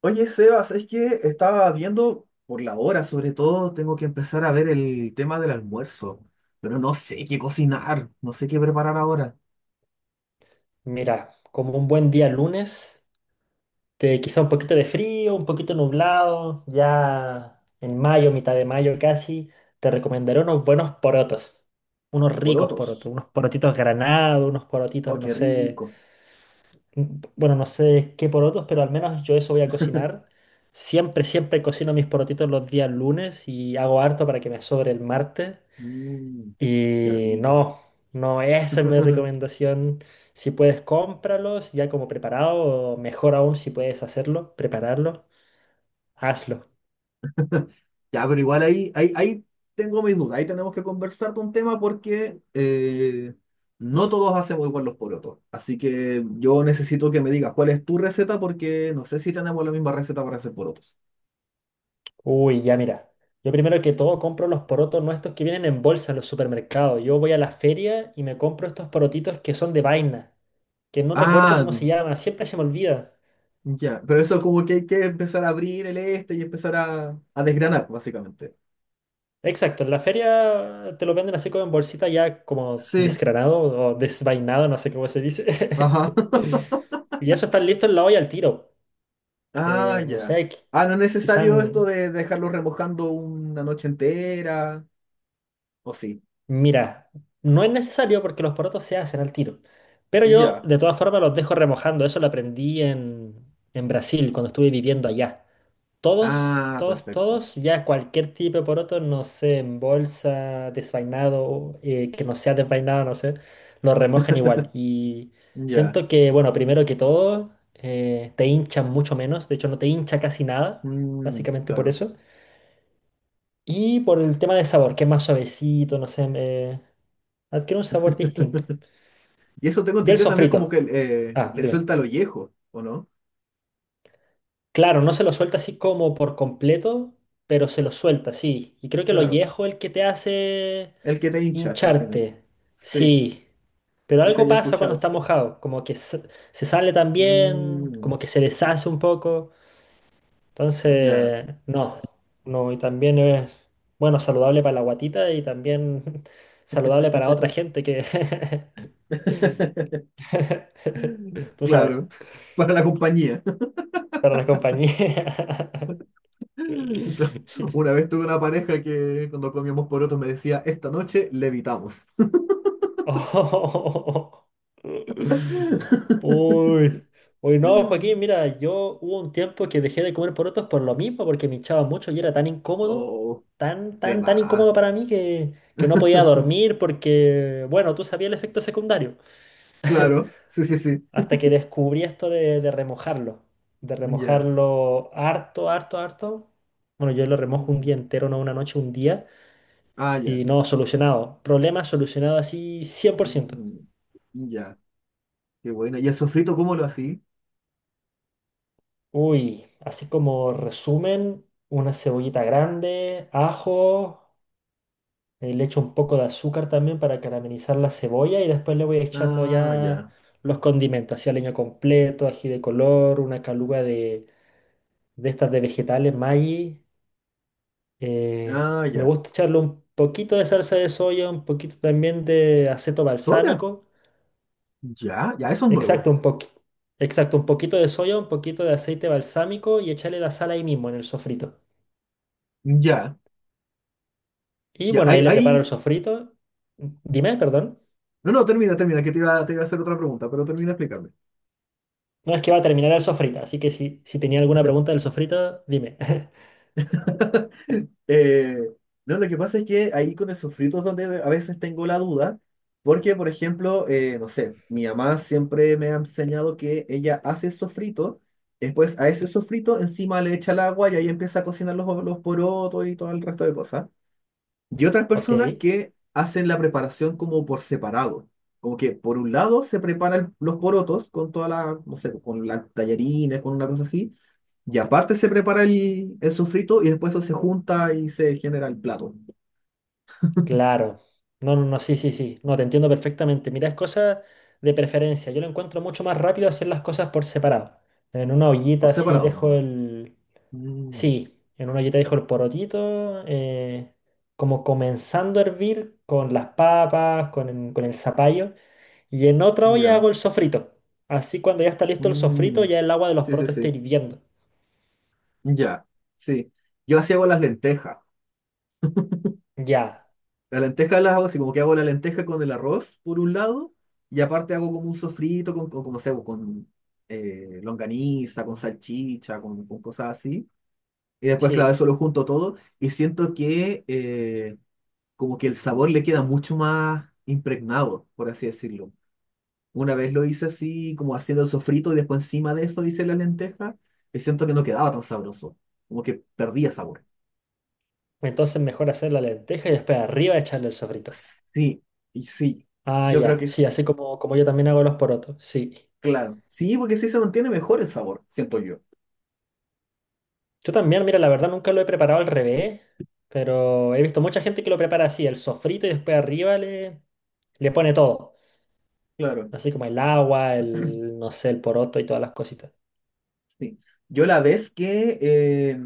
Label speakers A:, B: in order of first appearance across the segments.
A: Oye, Sebas, es que estaba viendo por la hora, sobre todo tengo que empezar a ver el tema del almuerzo, pero no sé qué cocinar, no sé qué preparar ahora.
B: Mira, como un buen día lunes, de quizá un poquito de frío, un poquito nublado, ya en mayo, mitad de mayo casi, te recomendaré unos buenos porotos, unos ricos
A: Porotos.
B: porotos, unos porotitos granados, unos porotitos,
A: Oh,
B: no
A: qué
B: sé,
A: rico.
B: bueno, no sé qué porotos, pero al menos yo eso voy a cocinar. Siempre, siempre cocino mis porotitos los días lunes y hago harto para que me sobre el martes.
A: Mm, qué
B: Y
A: rico.
B: no, no, esa es mi recomendación. Si puedes, cómpralos ya como preparado, o mejor aún si puedes hacerlo, prepararlo, hazlo.
A: Ya, pero igual ahí tengo mis dudas, ahí tenemos que conversar de un tema porque no todos hacemos igual los porotos. Así que yo necesito que me digas cuál es tu receta porque no sé si tenemos la misma receta para hacer porotos.
B: Uy, ya mira. Yo primero que todo compro los porotos nuestros que vienen en bolsa en los supermercados. Yo voy a la feria y me compro estos porotitos que son de vaina, que no recuerdo
A: Ah,
B: cómo se llama, siempre se me olvida.
A: ya, pero eso como que hay que empezar a abrir el este y empezar a desgranar, básicamente.
B: Exacto, en la feria te lo venden así como en bolsita ya como
A: Sí,
B: desgranado o desvainado, no sé cómo se dice.
A: ajá.
B: Y eso está listo en la olla al tiro.
A: Ah,
B: No
A: ya.
B: sé,
A: Ah, no es
B: quizá,
A: necesario esto de dejarlo remojando una noche entera, ¿o sí?
B: mira, no es necesario porque los porotos se hacen al tiro. Pero yo,
A: Ya.
B: de todas formas, los dejo remojando. Eso lo aprendí en Brasil, cuando estuve viviendo allá. Todos,
A: Ah,
B: todos,
A: perfecto.
B: todos, ya cualquier tipo de poroto, no sé, en bolsa, desvainado, que no sea desvainado, no sé, los remojan igual. Y
A: Ya.
B: siento que, bueno, primero que todo, te hinchan mucho menos. De hecho, no te hincha casi nada,
A: Mm,
B: básicamente por
A: claro.
B: eso. Y por el tema de sabor, que es más suavecito, no sé, adquiere un sabor distinto.
A: Y eso tengo
B: Y el
A: entendido también como
B: sofrito.
A: que
B: Ah,
A: le
B: dime.
A: suelta el ollejo, ¿o no?
B: Claro, no se lo suelta así como por completo, pero se lo suelta, sí. Y creo que lo
A: Claro.
B: viejo es el que te hace
A: El que te hincha al final.
B: hincharte.
A: Sí,
B: Sí. Pero
A: sí se
B: algo
A: había
B: pasa
A: escuchado
B: cuando
A: eso.
B: está mojado, como que se sale también,
A: Mm,
B: como que se deshace un poco.
A: ya.
B: Entonces, no, no, y también es, bueno, saludable para la guatita y también saludable para otra gente que... Tú sabes,
A: Claro, para la compañía.
B: para la compañía.
A: Claro. Una vez tuve una pareja que cuando comíamos porotos me decía, esta noche levitamos.
B: Oh. Uy. Uy, no, Joaquín, mira, yo hubo un tiempo que dejé de comer porotos por lo mismo, porque me hinchaba mucho y era tan incómodo,
A: Oh,
B: tan,
A: de
B: tan, tan
A: más.
B: incómodo para mí que no podía dormir porque, bueno, tú sabías el efecto secundario.
A: Claro, sí, sí, sí.
B: Hasta que descubrí esto de
A: Ya.
B: remojarlo harto, harto, harto. Bueno, yo lo remojo un día
A: Mm.
B: entero, no una noche, un día.
A: Ah, ya.
B: Y no, solucionado. Problema solucionado así cien por ciento.
A: Mm. Ya. Qué buena. ¿Y el sofrito cómo lo así?
B: Uy, así como resumen, una cebollita grande, ajo, le echo un poco de azúcar también para caramelizar la cebolla y después le voy echando
A: Ah,
B: ya
A: ya.
B: los condimentos, así leño completo, ají de color, una caluga de estas de vegetales, Maggi.
A: Ah,
B: Me
A: ya.
B: gusta echarle un poquito de salsa de soya, un poquito también de aceto
A: ¿Soya?
B: balsámico.
A: Ya, ya, eso es nuevo.
B: Exacto, exacto, un poquito de soya, un poquito de aceite balsámico y echarle la sal ahí mismo en el sofrito.
A: Ya,
B: Y
A: ya.
B: bueno,
A: Ahí,
B: ahí le preparo el
A: ahí.
B: sofrito. Dime, perdón.
A: No, no, termina, termina, que te iba a hacer otra pregunta, pero termina de explicarme.
B: No es que va a terminar el sofrito, así que si tenía alguna pregunta del sofrito, dime.
A: Eh, no, lo que pasa es que ahí con esos fritos donde a veces tengo la duda, porque por ejemplo, no sé, mi mamá siempre me ha enseñado que ella hace sofrito, después a ese sofrito encima le echa el agua y ahí empieza a cocinar los porotos y todo el resto de cosas. Y otras
B: Ok,
A: personas que hacen la preparación como por separado, como que por un lado se preparan los porotos con toda la, no sé, con las tallarines, con una cosa así. Y aparte se prepara el sofrito y después eso se junta y se genera el plato,
B: claro. No, no, no, sí, sí, sí. No, te entiendo perfectamente. Mira, es cosa de preferencia. Yo lo encuentro mucho más rápido hacer las cosas por separado. En una
A: por
B: ollita así
A: separado.
B: dejo el,
A: Mm,
B: sí, en una ollita dejo el porotito, como comenzando a hervir con las papas, con el zapallo. Y en otra olla
A: ya.
B: hago el sofrito. Así cuando ya está listo el sofrito,
A: Mm,
B: ya el agua de los
A: sí, sí,
B: porotos está
A: sí.
B: hirviendo.
A: Ya, sí. Yo así hago las lentejas.
B: Ya,
A: Las lentejas las hago así, como que hago la lenteja con el arroz por un lado y aparte hago como un sofrito no sé, con longaniza, con salchicha, con cosas así. Y después, claro,
B: sí.
A: eso lo junto todo y siento que como que el sabor le queda mucho más impregnado, por así decirlo. Una vez lo hice así, como haciendo el sofrito y después encima de eso hice la lenteja y siento que no quedaba tan sabroso, como que perdía sabor.
B: Entonces mejor hacer la lenteja y después arriba echarle el sofrito.
A: Sí, y sí,
B: Ah,
A: yo creo
B: ya,
A: que es
B: sí, así como, como yo también hago los porotos, sí.
A: claro. Sí, porque sí se mantiene mejor el sabor, siento yo.
B: Yo también, mira, la verdad nunca lo he preparado al revés, pero he visto mucha gente que lo prepara así, el sofrito y después arriba le, le pone todo.
A: Claro,
B: Así como el agua, el, no sé, el poroto y todas las cositas.
A: sí. Yo la vez que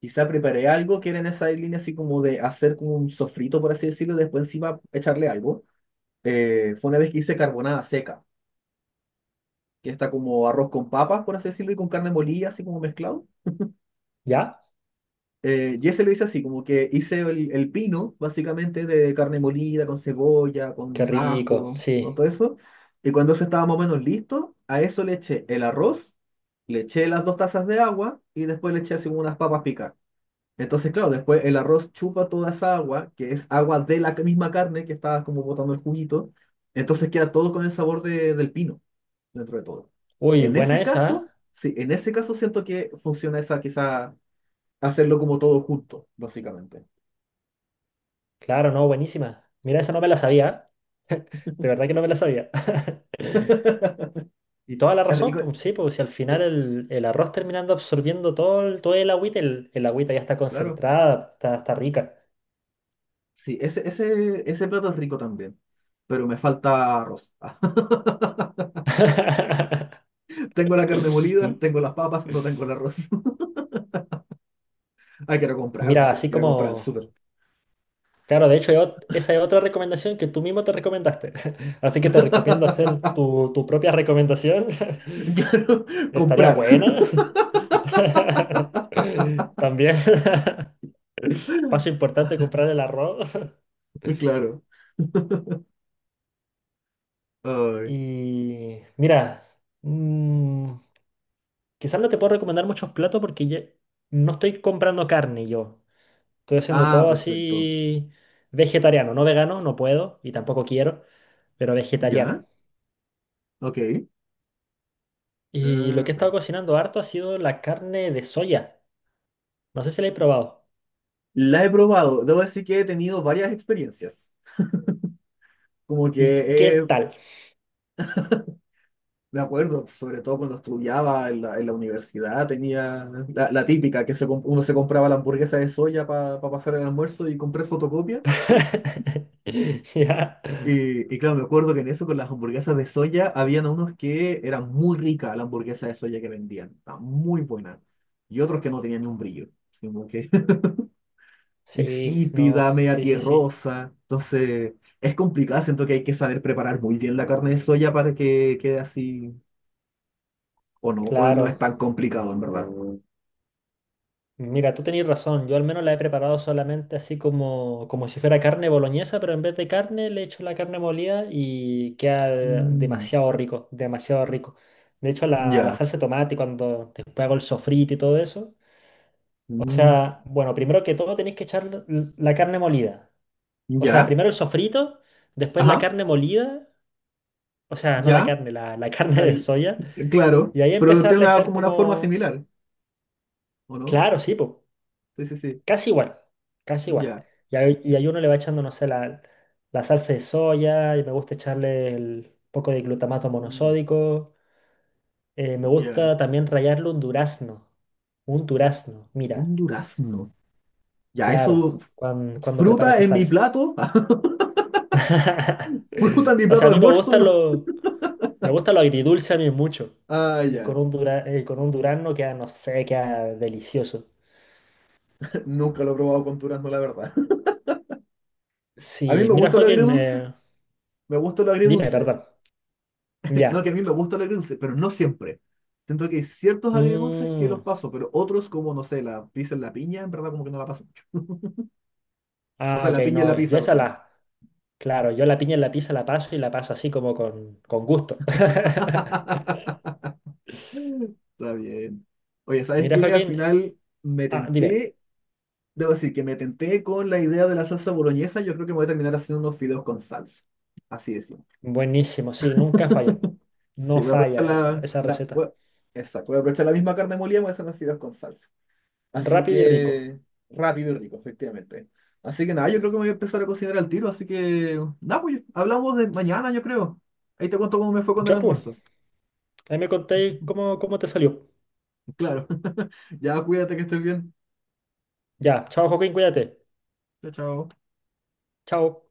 A: quizá preparé algo que era en esa línea así como de hacer como un sofrito, por así decirlo, y después encima echarle algo, fue una vez que hice carbonada seca, que está como arroz con papas, por así decirlo, y con carne molida, así como mezclado.
B: ¿Ya?
A: Jesse lo hice así, como que hice el pino, básicamente, de carne molida, con cebolla,
B: Qué
A: con
B: rico,
A: ajo, con
B: sí.
A: todo eso. Y cuando eso estaba más o menos listo, a eso le eché el arroz, le eché las 2 tazas de agua y después le eché así como unas papas picadas. Entonces, claro, después el arroz chupa toda esa agua, que es agua de la misma carne que estaba como botando el juguito. Entonces queda todo con el sabor de- del pino dentro de todo.
B: Uy,
A: En
B: buena
A: ese
B: esa, ¿eh?
A: caso, sí, en ese caso siento que funciona esa, quizá hacerlo como todo junto, básicamente.
B: Claro, no, buenísima. Mira, esa no me la sabía, ¿ah? De verdad que no me la sabía. Y toda la
A: Es
B: razón,
A: rico,
B: pues sí, porque si al final el arroz terminando absorbiendo todo el agüita ya está
A: claro.
B: concentrada, está, está rica.
A: Sí, ese plato es rico también, pero me falta arroz. Ah, tengo la carne molida, tengo las papas, no tengo el arroz. Hay que ir a comprarlo,
B: Mira,
A: tengo
B: así
A: que ir a comprar al
B: como...
A: súper.
B: Claro, de hecho, hay esa es otra recomendación que tú mismo te recomendaste. Así que te recomiendo hacer tu, tu propia recomendación.
A: Claro,
B: Estaría
A: comprar,
B: buena. También. Paso importante comprar el arroz.
A: claro. Ay.
B: Y mira, mm, quizás no te puedo recomendar muchos platos no estoy comprando carne yo. Estoy haciendo
A: Ah,
B: todo
A: perfecto.
B: así vegetariano, no vegano, no puedo y tampoco quiero, pero vegetariano.
A: ¿Ya? Ok.
B: Y lo que he
A: Ah.
B: estado cocinando harto ha sido la carne de soya. No sé si la he probado.
A: La he probado, debo decir que he tenido varias experiencias. Como que
B: ¿Y qué
A: he
B: tal?
A: Me acuerdo, sobre todo cuando estudiaba en en la universidad, tenía la típica que se comp- uno se compraba la hamburguesa de soya para pasar el almuerzo y compré fotocopia.
B: Ya.
A: Y claro, me acuerdo que en eso con las hamburguesas de soya habían unos que eran muy ricas la hamburguesa de soya que vendían, estaba muy buena. Y otros que no tenían ni un brillo, sino que
B: Sí, no,
A: insípida, media
B: sí, sí, sí,
A: tierrosa. Entonces, es complicado, siento que hay que saber preparar muy bien la carne de soya para que quede así, o no es
B: claro.
A: tan complicado en verdad.
B: Mira, tú tenías razón, yo al menos la he preparado solamente así como, como si fuera carne boloñesa, pero en vez de carne le echo la carne molida y queda
A: Mm,
B: demasiado rico, demasiado rico. De hecho, la
A: ya,
B: salsa de tomate, cuando después hago el sofrito y todo eso, o
A: mm,
B: sea, bueno, primero que todo tenéis que echar la carne molida. O sea,
A: ya,
B: primero el sofrito, después la
A: ajá,
B: carne molida, o sea, no la
A: ya,
B: carne, la carne de
A: al-
B: soya,
A: claro,
B: y ahí
A: pero tiene
B: empezarle a
A: una,
B: echar
A: como una forma
B: como...
A: similar, ¿o no?
B: Claro, sí, pues.
A: Sí, sí, sí,
B: Casi igual, casi igual.
A: ya,
B: Y ahí uno le va echando, no sé, la salsa de soya, y me gusta echarle el poco de glutamato
A: mm,
B: monosódico. Me
A: ya,
B: gusta también rallarle un durazno. Un durazno,
A: un
B: mira,
A: durazno, ya,
B: claro,
A: eso,
B: cuando preparo
A: fruta
B: esa
A: en mi
B: salsa.
A: plato, fruta en mi
B: O
A: plato
B: sea, a
A: de
B: mí
A: almuerzo, no,
B: me gusta lo agridulce a mí mucho.
A: ah,
B: Y con
A: ya,
B: un con un durazno queda, no sé, queda delicioso.
A: nunca lo he probado con durazno, la verdad. A mí
B: Sí,
A: me
B: mira,
A: gusta lo
B: Joaquín,
A: agridulce, me gusta lo
B: dime,
A: agridulce,
B: perdón.
A: no, que a
B: Ya.
A: mí me gusta lo agridulce, pero no siempre. Siento que hay ciertos agridulces que los
B: Mm.
A: paso, pero otros como, no sé, la pizza en la piña, en verdad como que no la paso mucho. O
B: Ah,
A: sea,
B: ok,
A: la piña en la
B: no, yo
A: pizza,
B: esa
A: perdón.
B: la, claro, yo la piña en la pizza la paso y la paso así como con gusto.
A: Está bien. Oye, ¿sabes
B: Mira,
A: qué? Al
B: Joaquín,
A: final me
B: ah, dime,
A: tenté, debo decir que me tenté con la idea de la salsa boloñesa. Yo creo que me voy a terminar haciendo unos fideos con salsa. Así es.
B: buenísimo, sí, nunca falla,
A: Sí,
B: no
A: voy a aprovechar
B: falla esa, esa receta.
A: exacto, voy a aprovechar la misma carne molida, y voy a hacer unos fideos con salsa. Así
B: Rápido y rico.
A: que rápido y rico, efectivamente. Así que nada, yo creo que me voy a empezar a cocinar al tiro, así que nada, pues hablamos de mañana, yo creo. Ahí te cuento cómo me fue con el
B: Ya, pues,
A: almuerzo.
B: ahí me contéis cómo, cómo te salió.
A: Claro. Ya cuídate que estés bien.
B: Ya, chao, Joaquín, cuídate.
A: Chao, chao.
B: Chao.